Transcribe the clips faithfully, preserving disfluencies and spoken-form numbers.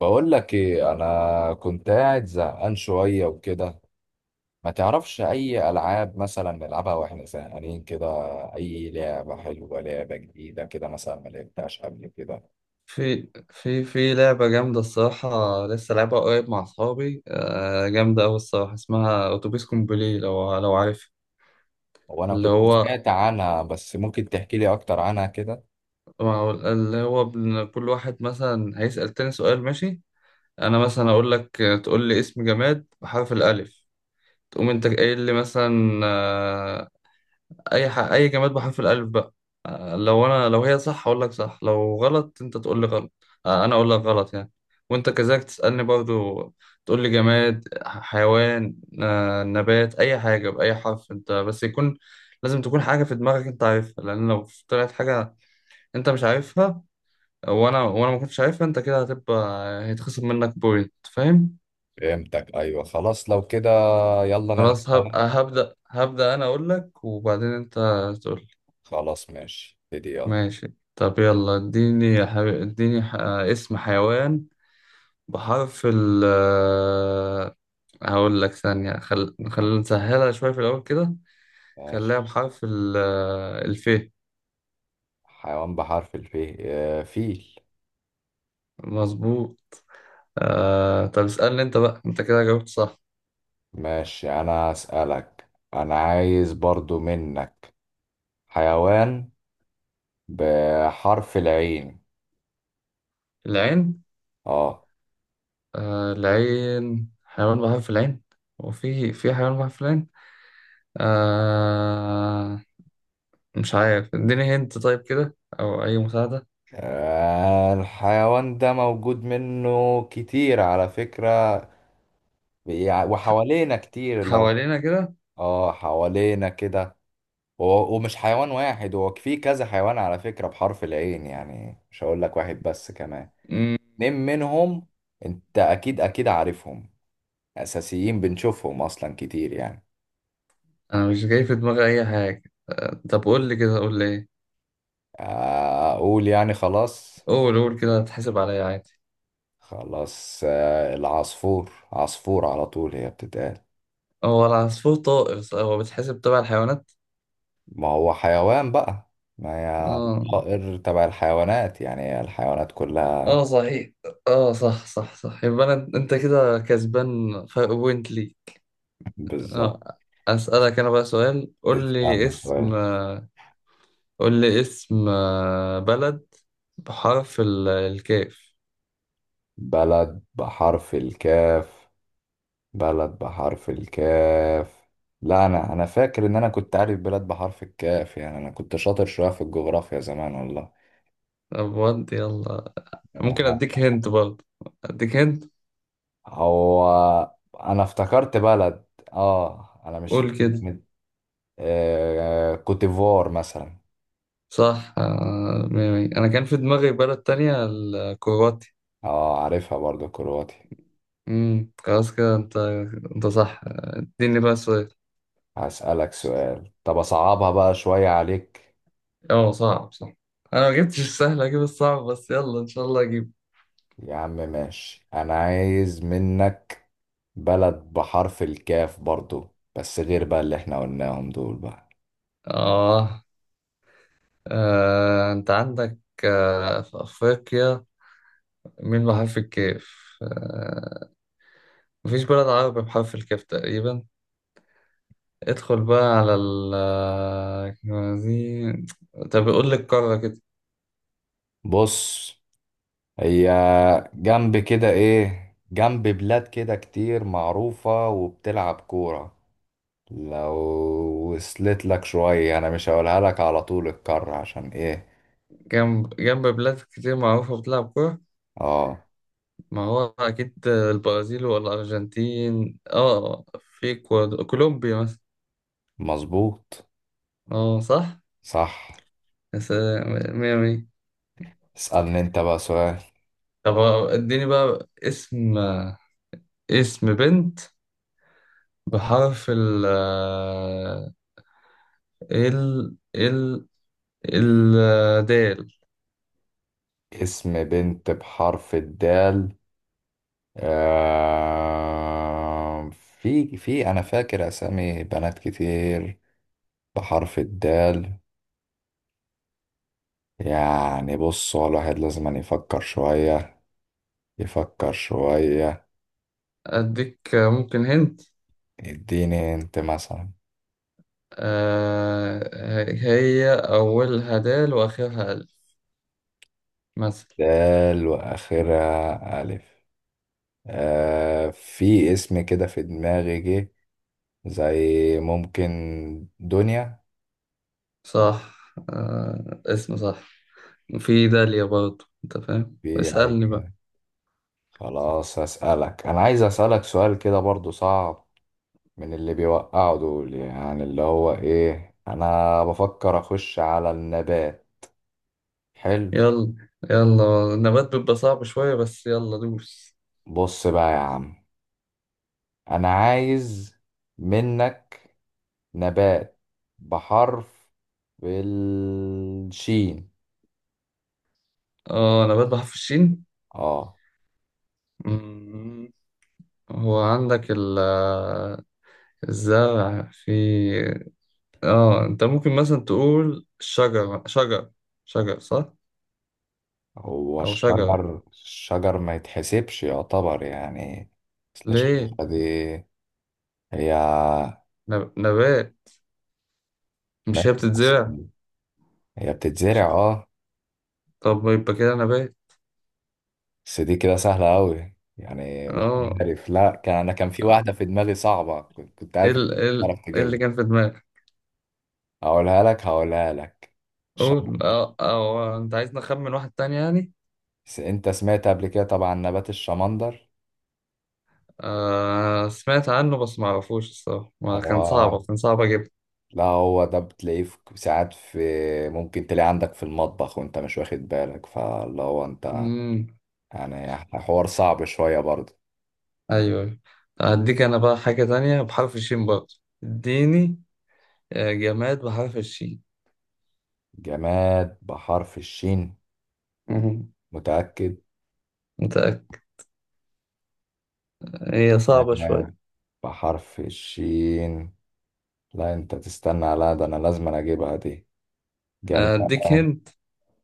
بقول لك ايه، انا كنت قاعد زهقان شويه وكده. ما تعرفش اي العاب مثلا نلعبها واحنا زهقانين كده؟ اي لعبه حلوه، لعبه جديده كده مثلا ما لعبتهاش قبل كده. في في في لعبة جامدة الصراحة. لسه لعبها قريب مع أصحابي، آه، جامدة أوي الصراحة. اسمها أتوبيس كومبلي، لو لو عارف. هو انا اللي كنت هو، سمعت عنها، بس ممكن تحكي لي اكتر عنها كده؟ اللي هو بن- كل واحد مثلا هيسأل تاني سؤال، ماشي؟ أنا مثلا أقول لك: تقول لي اسم جماد بحرف الألف. تقوم أنت قايل لي مثلا، آه، اي ح... اي جماد بحرف الالف بقى. آه، لو انا، لو هي صح اقول لك صح، لو غلط انت تقول لي غلط. آه، انا اقول لك غلط يعني. وانت كذلك تسالني برضو. تقول لي جماد، ح- حيوان، آه، نبات، اي حاجه باي حرف انت، بس يكون لازم تكون حاجه في دماغك انت عارفها، لان لو طلعت حاجه انت مش عارفها وانا وانا ما كنتش عارفها انت كده هتبقى هيتخصم منك بوينت، فاهم؟ فهمتك، ايوه خلاص لو كده يلا خلاص نلعبها. هبقى هبدا هبدا انا اقول لك وبعدين انت تقول. خلاص ماشي، ابتدي يلا. ماشي طب يلا اديني يا حبيبي، اديني ح... اسم حيوان بحرف ال، هقول لك ثانية. خل... خلينا نسهلها شوية في الأول كده. خليها ماشي. بحرف ال الف. حيوان بحرف الف، آه، فيل. مظبوط. آه... طب اسألني انت بقى، انت كده جاوبت صح. ماشي انا اسالك. انا عايز برضو منك حيوان بحرف العين. العين؟ اه. آه... العين، حيوان بحرف العين؟ هو في في حيوان بحرف العين؟ آه... مش عارف، اديني هنت طيب كده أو أي مساعدة. آه، الحيوان ده موجود منه كتير على فكرة، بيع- وحوالينا كتير لو. حوالينا كده؟ اه، حوالينا كده. و- ومش حيوان واحد، هو في كذا حيوان على فكرة بحرف العين، يعني مش هقول لك واحد بس، كمان مم. اتنين منهم. انت اكيد اكيد عارفهم، اساسيين بنشوفهم اصلا كتير يعني. انا مش جاي في دماغي اي حاجه، آه، طب قول لي كده، قول لي ايه. آه، اقول يعني؟ خلاص. قول، قول كده هتحسب عليا عادي. خلاص، آه، العصفور، عصفور على طول هي بتتقال. هو العصفور طائر صح؟ هو بيتحسب تبع الحيوانات؟ ما هو حيوان بقى، ما هي مم. اه. طائر تبع الحيوانات يعني، هي الحيوانات كلها. اه صحيح. اه، صح صح صح، يبقى انا، انت كده كسبان فرق بوينت لي. بالظبط. اه. اسالك انا بقى سؤال، قول لي اسألنا اسم، سؤال. قول لي اسم، آه، بلد بحرف ال- الكاف. بلد بحرف الكاف. بلد بحرف الكاف. لا انا انا فاكر ان انا كنت عارف بلاد بحرف الكاف، يعني انا كنت شاطر شوية في الجغرافيا زمان والله. طب ودي يلا، يعني. ممكن اديك هنت برضه. اديك هنت. هو انا افتكرت بلد. اه انا مش فاكر. قول كده. آه... كوتيفوار مثلا. صح، آه، مية مية. انا كان في دماغي بلد تانية، الكرواتي. اه عارفها برضو، كرواتي. امم، خلاص كده انت، انت صح. آه، اديني بقى سؤال. هسألك سؤال، طب أصعبها بقى شوية عليك. اه صعب صح، انا ما جبتش السهل اجيب الصعب، بس يلا ان شاء الله اجيب. يا عم ماشي، أنا عايز منك بلد بحرف الكاف برضو، بس غير بقى اللي احنا قلناهم دول بقى. اه. آه. انت عندك آه. في افريقيا مين بحرف الكاف؟ آه. مفيش بلد عربي بحرف الكاف تقريبا. ادخل بقى على ال آه، دي. طب قول لي القارة كده. بص، هي جنب كده، ايه، جنب بلاد كده كتير معروفة وبتلعب كورة. لو وصلت لك شوية أنا مش هقولها لك على طول الكر، عشان ايه. جنب، جنب بلاد كتير معروفة بتلعب كورة؟ اه ما هو أكيد البرازيل ولا الأرجنتين. اه، في كواد- كولومبيا مثلا. مظبوط. اه صح. صح. يا سلام، مية مية. اسألني انت بقى سؤال. طب اديني بقى اسم، اسم بنت بحرف ال ال ال الدال. اسم بنت بحرف الدال. آه، في في أنا فاكر أسامي بنات كتير بحرف الدال، يعني بص هو الواحد لازم أن يفكر شوية. يفكر شوية. أديك ممكن هنت. اديني انت مثلا. آه، هي أولها دال وآخرها ألف مثلا. دال وآخرها ألف. آه، في اسم كده في دماغي جه، زي ممكن دنيا. صح. آه، اسم صح. في داليا برضه أنت فاهم. في. اسألني بقى. خلاص هسألك، أنا عايز أسألك سؤال كده برضو صعب من اللي بيوقعوا دول، يعني اللي هو إيه، أنا بفكر أخش على النبات. حلو. يلا يلا، النبات بيبقى صعب شوية بس يلا دوس. بص بقى يا عم، أنا عايز منك نبات بحرف، بالشين. اه، نبات بحرف الشين. اه. مم. هو عندك ال الزرع، في اه، انت ممكن مثلا تقول شجر، شجر، شجر صح؟ هو او شجر، الشجر، الشجر ما يتحسبش يعتبر يعني. أصل ليه؟ الشجرة دي هي. نب- نبات، مش هي ماشي، بس بتتزرع؟ هي بتتزرع اه. طب يبقى كده نبات. بس دي كده سهلة أوي يعني، مش اه، عارف. لا كان أنا كان في واحدة في دماغي صعبة، كنت كنت ايه عارف إنك ال- ايه ال- هتعرف إيه اللي تجيبها. كان في دماغك؟ هقولها لك هقولها لك قول. الشمندر. اه، او انت عايزني اخمن واحد تاني يعني؟ بس أنت سمعت قبل كده طبعا نبات الشمندر. آه سمعت عنه بس ما اعرفوش الصراحة، ما كان هو، صعب، كان صعب اجيب. لا هو ده بتلاقيه في ساعات، في ممكن تلاقيه عندك في المطبخ وأنت مش واخد بالك، فاللي هو أنت امم. يعني حوار صعب شوية برضه. ايوه، أيوة. اديك انا بقى حاجة تانية بحرف الشين برضه. اديني آه، جماد بحرف الشين. جماد بحرف الشين. مهم. متأكد. متأكد. هي صعبة جماد شوية. بحرف الشين. لا انت تستنى، لا ده انا لازم أنا اجيبها دي. جمال اديك هنت.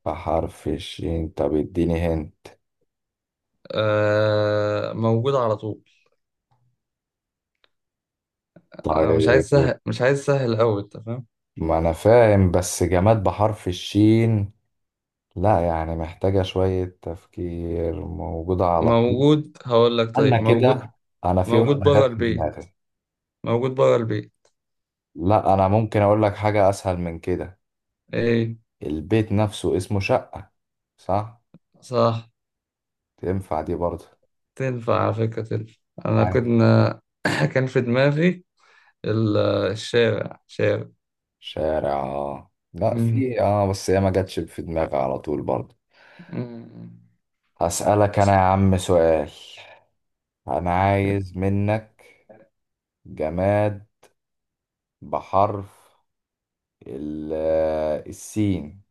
بحرف الشين. طب اديني هن. آه، موجود على طول. آه مش عايز طيب. سهل، مش عايز سهل قوي، انت فاهم. ما انا فاهم، بس جماد بحرف الشين لا يعني محتاجة شوية تفكير، موجودة على طول. موجود، هقول لك انا طيب، موجود، كده، انا في موجود واحدة بره جت في البيت، دماغي. موجود بره البيت. لا انا ممكن اقول لك حاجة اسهل من كده، ايه؟ البيت نفسه اسمه شقة. صح؟ صح. تنفع دي برضه؟ تنفع على فكرة، تنفع. أنا عادي. كنا كان في دماغي ال- آه، الشارع، شارع. شارع، اه لا مم. في، اه بس هي ما جاتش في دماغي على طول برضه. مم. هسألك أنا يا عم سؤال، أنا عايز منك جماد بحرف ال- آه، السين.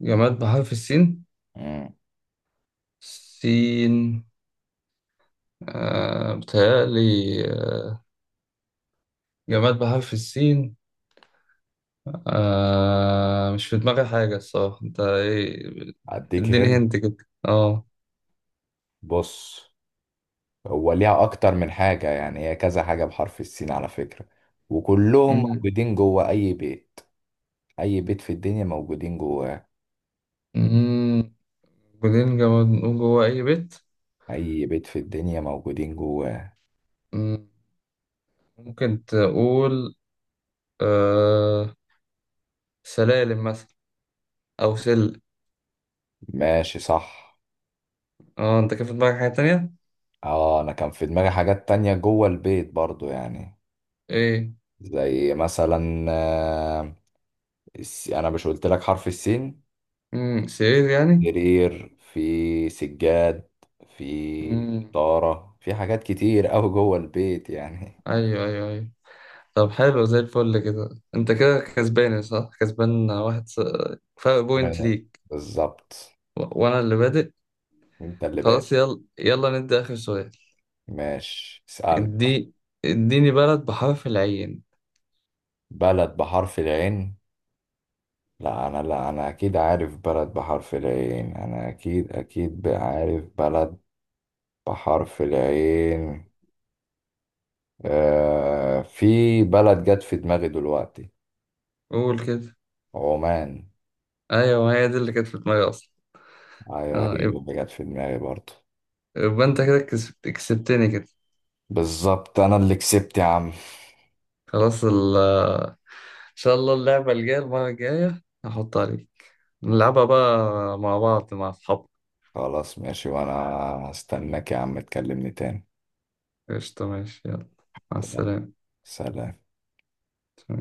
جماد بحرف السين. مم. سين، آه بتهيألي، آه، جماد بحرف السين. آه، مش في دماغي حاجة الصراحة، أنت إيه؟ أديك اديني هنا. هنت كده. أه. بص، هو ليها أكتر من حاجة يعني، هي كذا حاجة بحرف السين على فكرة، وكلهم مم. موجودين جوه أي بيت. أي بيت في الدنيا موجودين جواه. مم. بعدين جماد نقول جوه أي بيت؟ أي بيت في الدنيا موجودين جواه. مم. ممكن تقول آه سلالم مثلا، او سل. ماشي صح. اه، انت كان في دماغك حاجة تانية؟ اه أنا كان في دماغي حاجات تانية جوه البيت برضو يعني. ايه؟ زي مثلا آه، الس- انا مش قلت لك حرف السين؟ امم، سرير يعني. سرير، في سجاد، في امم. طارة، في حاجات كتير قوي جوه البيت يعني. ايوه، ايوه، ايوه. طب حلو زي الفل كده. انت كده كسبان صح، كسبان واحد س... فرق بوينت أنا- ليك. بالظبط. و... وانا اللي بادئ. انت اللي خلاص بادئ. يلا، يلا ندي اخر سؤال. ماشي اسألني. ادي، اديني بلد بحرف العين. بلد بحرف العين. لا انا، لا انا اكيد عارف بلد بحرف العين انا اكيد اكيد عارف بلد بحرف العين. آه في بلد جت في دماغي دلوقتي. قول كده. عمان. ايوه، ما هي دي اللي كانت في دماغي اصلا. ايوه، اه، هي يب- اللي جت في دماغي برضه. يبقى انت كده كسبت... كسبتني كده. بالظبط، انا اللي كسبت يا عم. خلاص ال... ان شاء الله اللعبة الجاية، المرة الجاية هحط عليك، نلعبها بقى مع بعض، مع أصحابك. خلاص ماشي، وانا هستناك يا عم تكلمني تاني. قشطة ماشي، يلا، مع يلا، السلامة. سلام.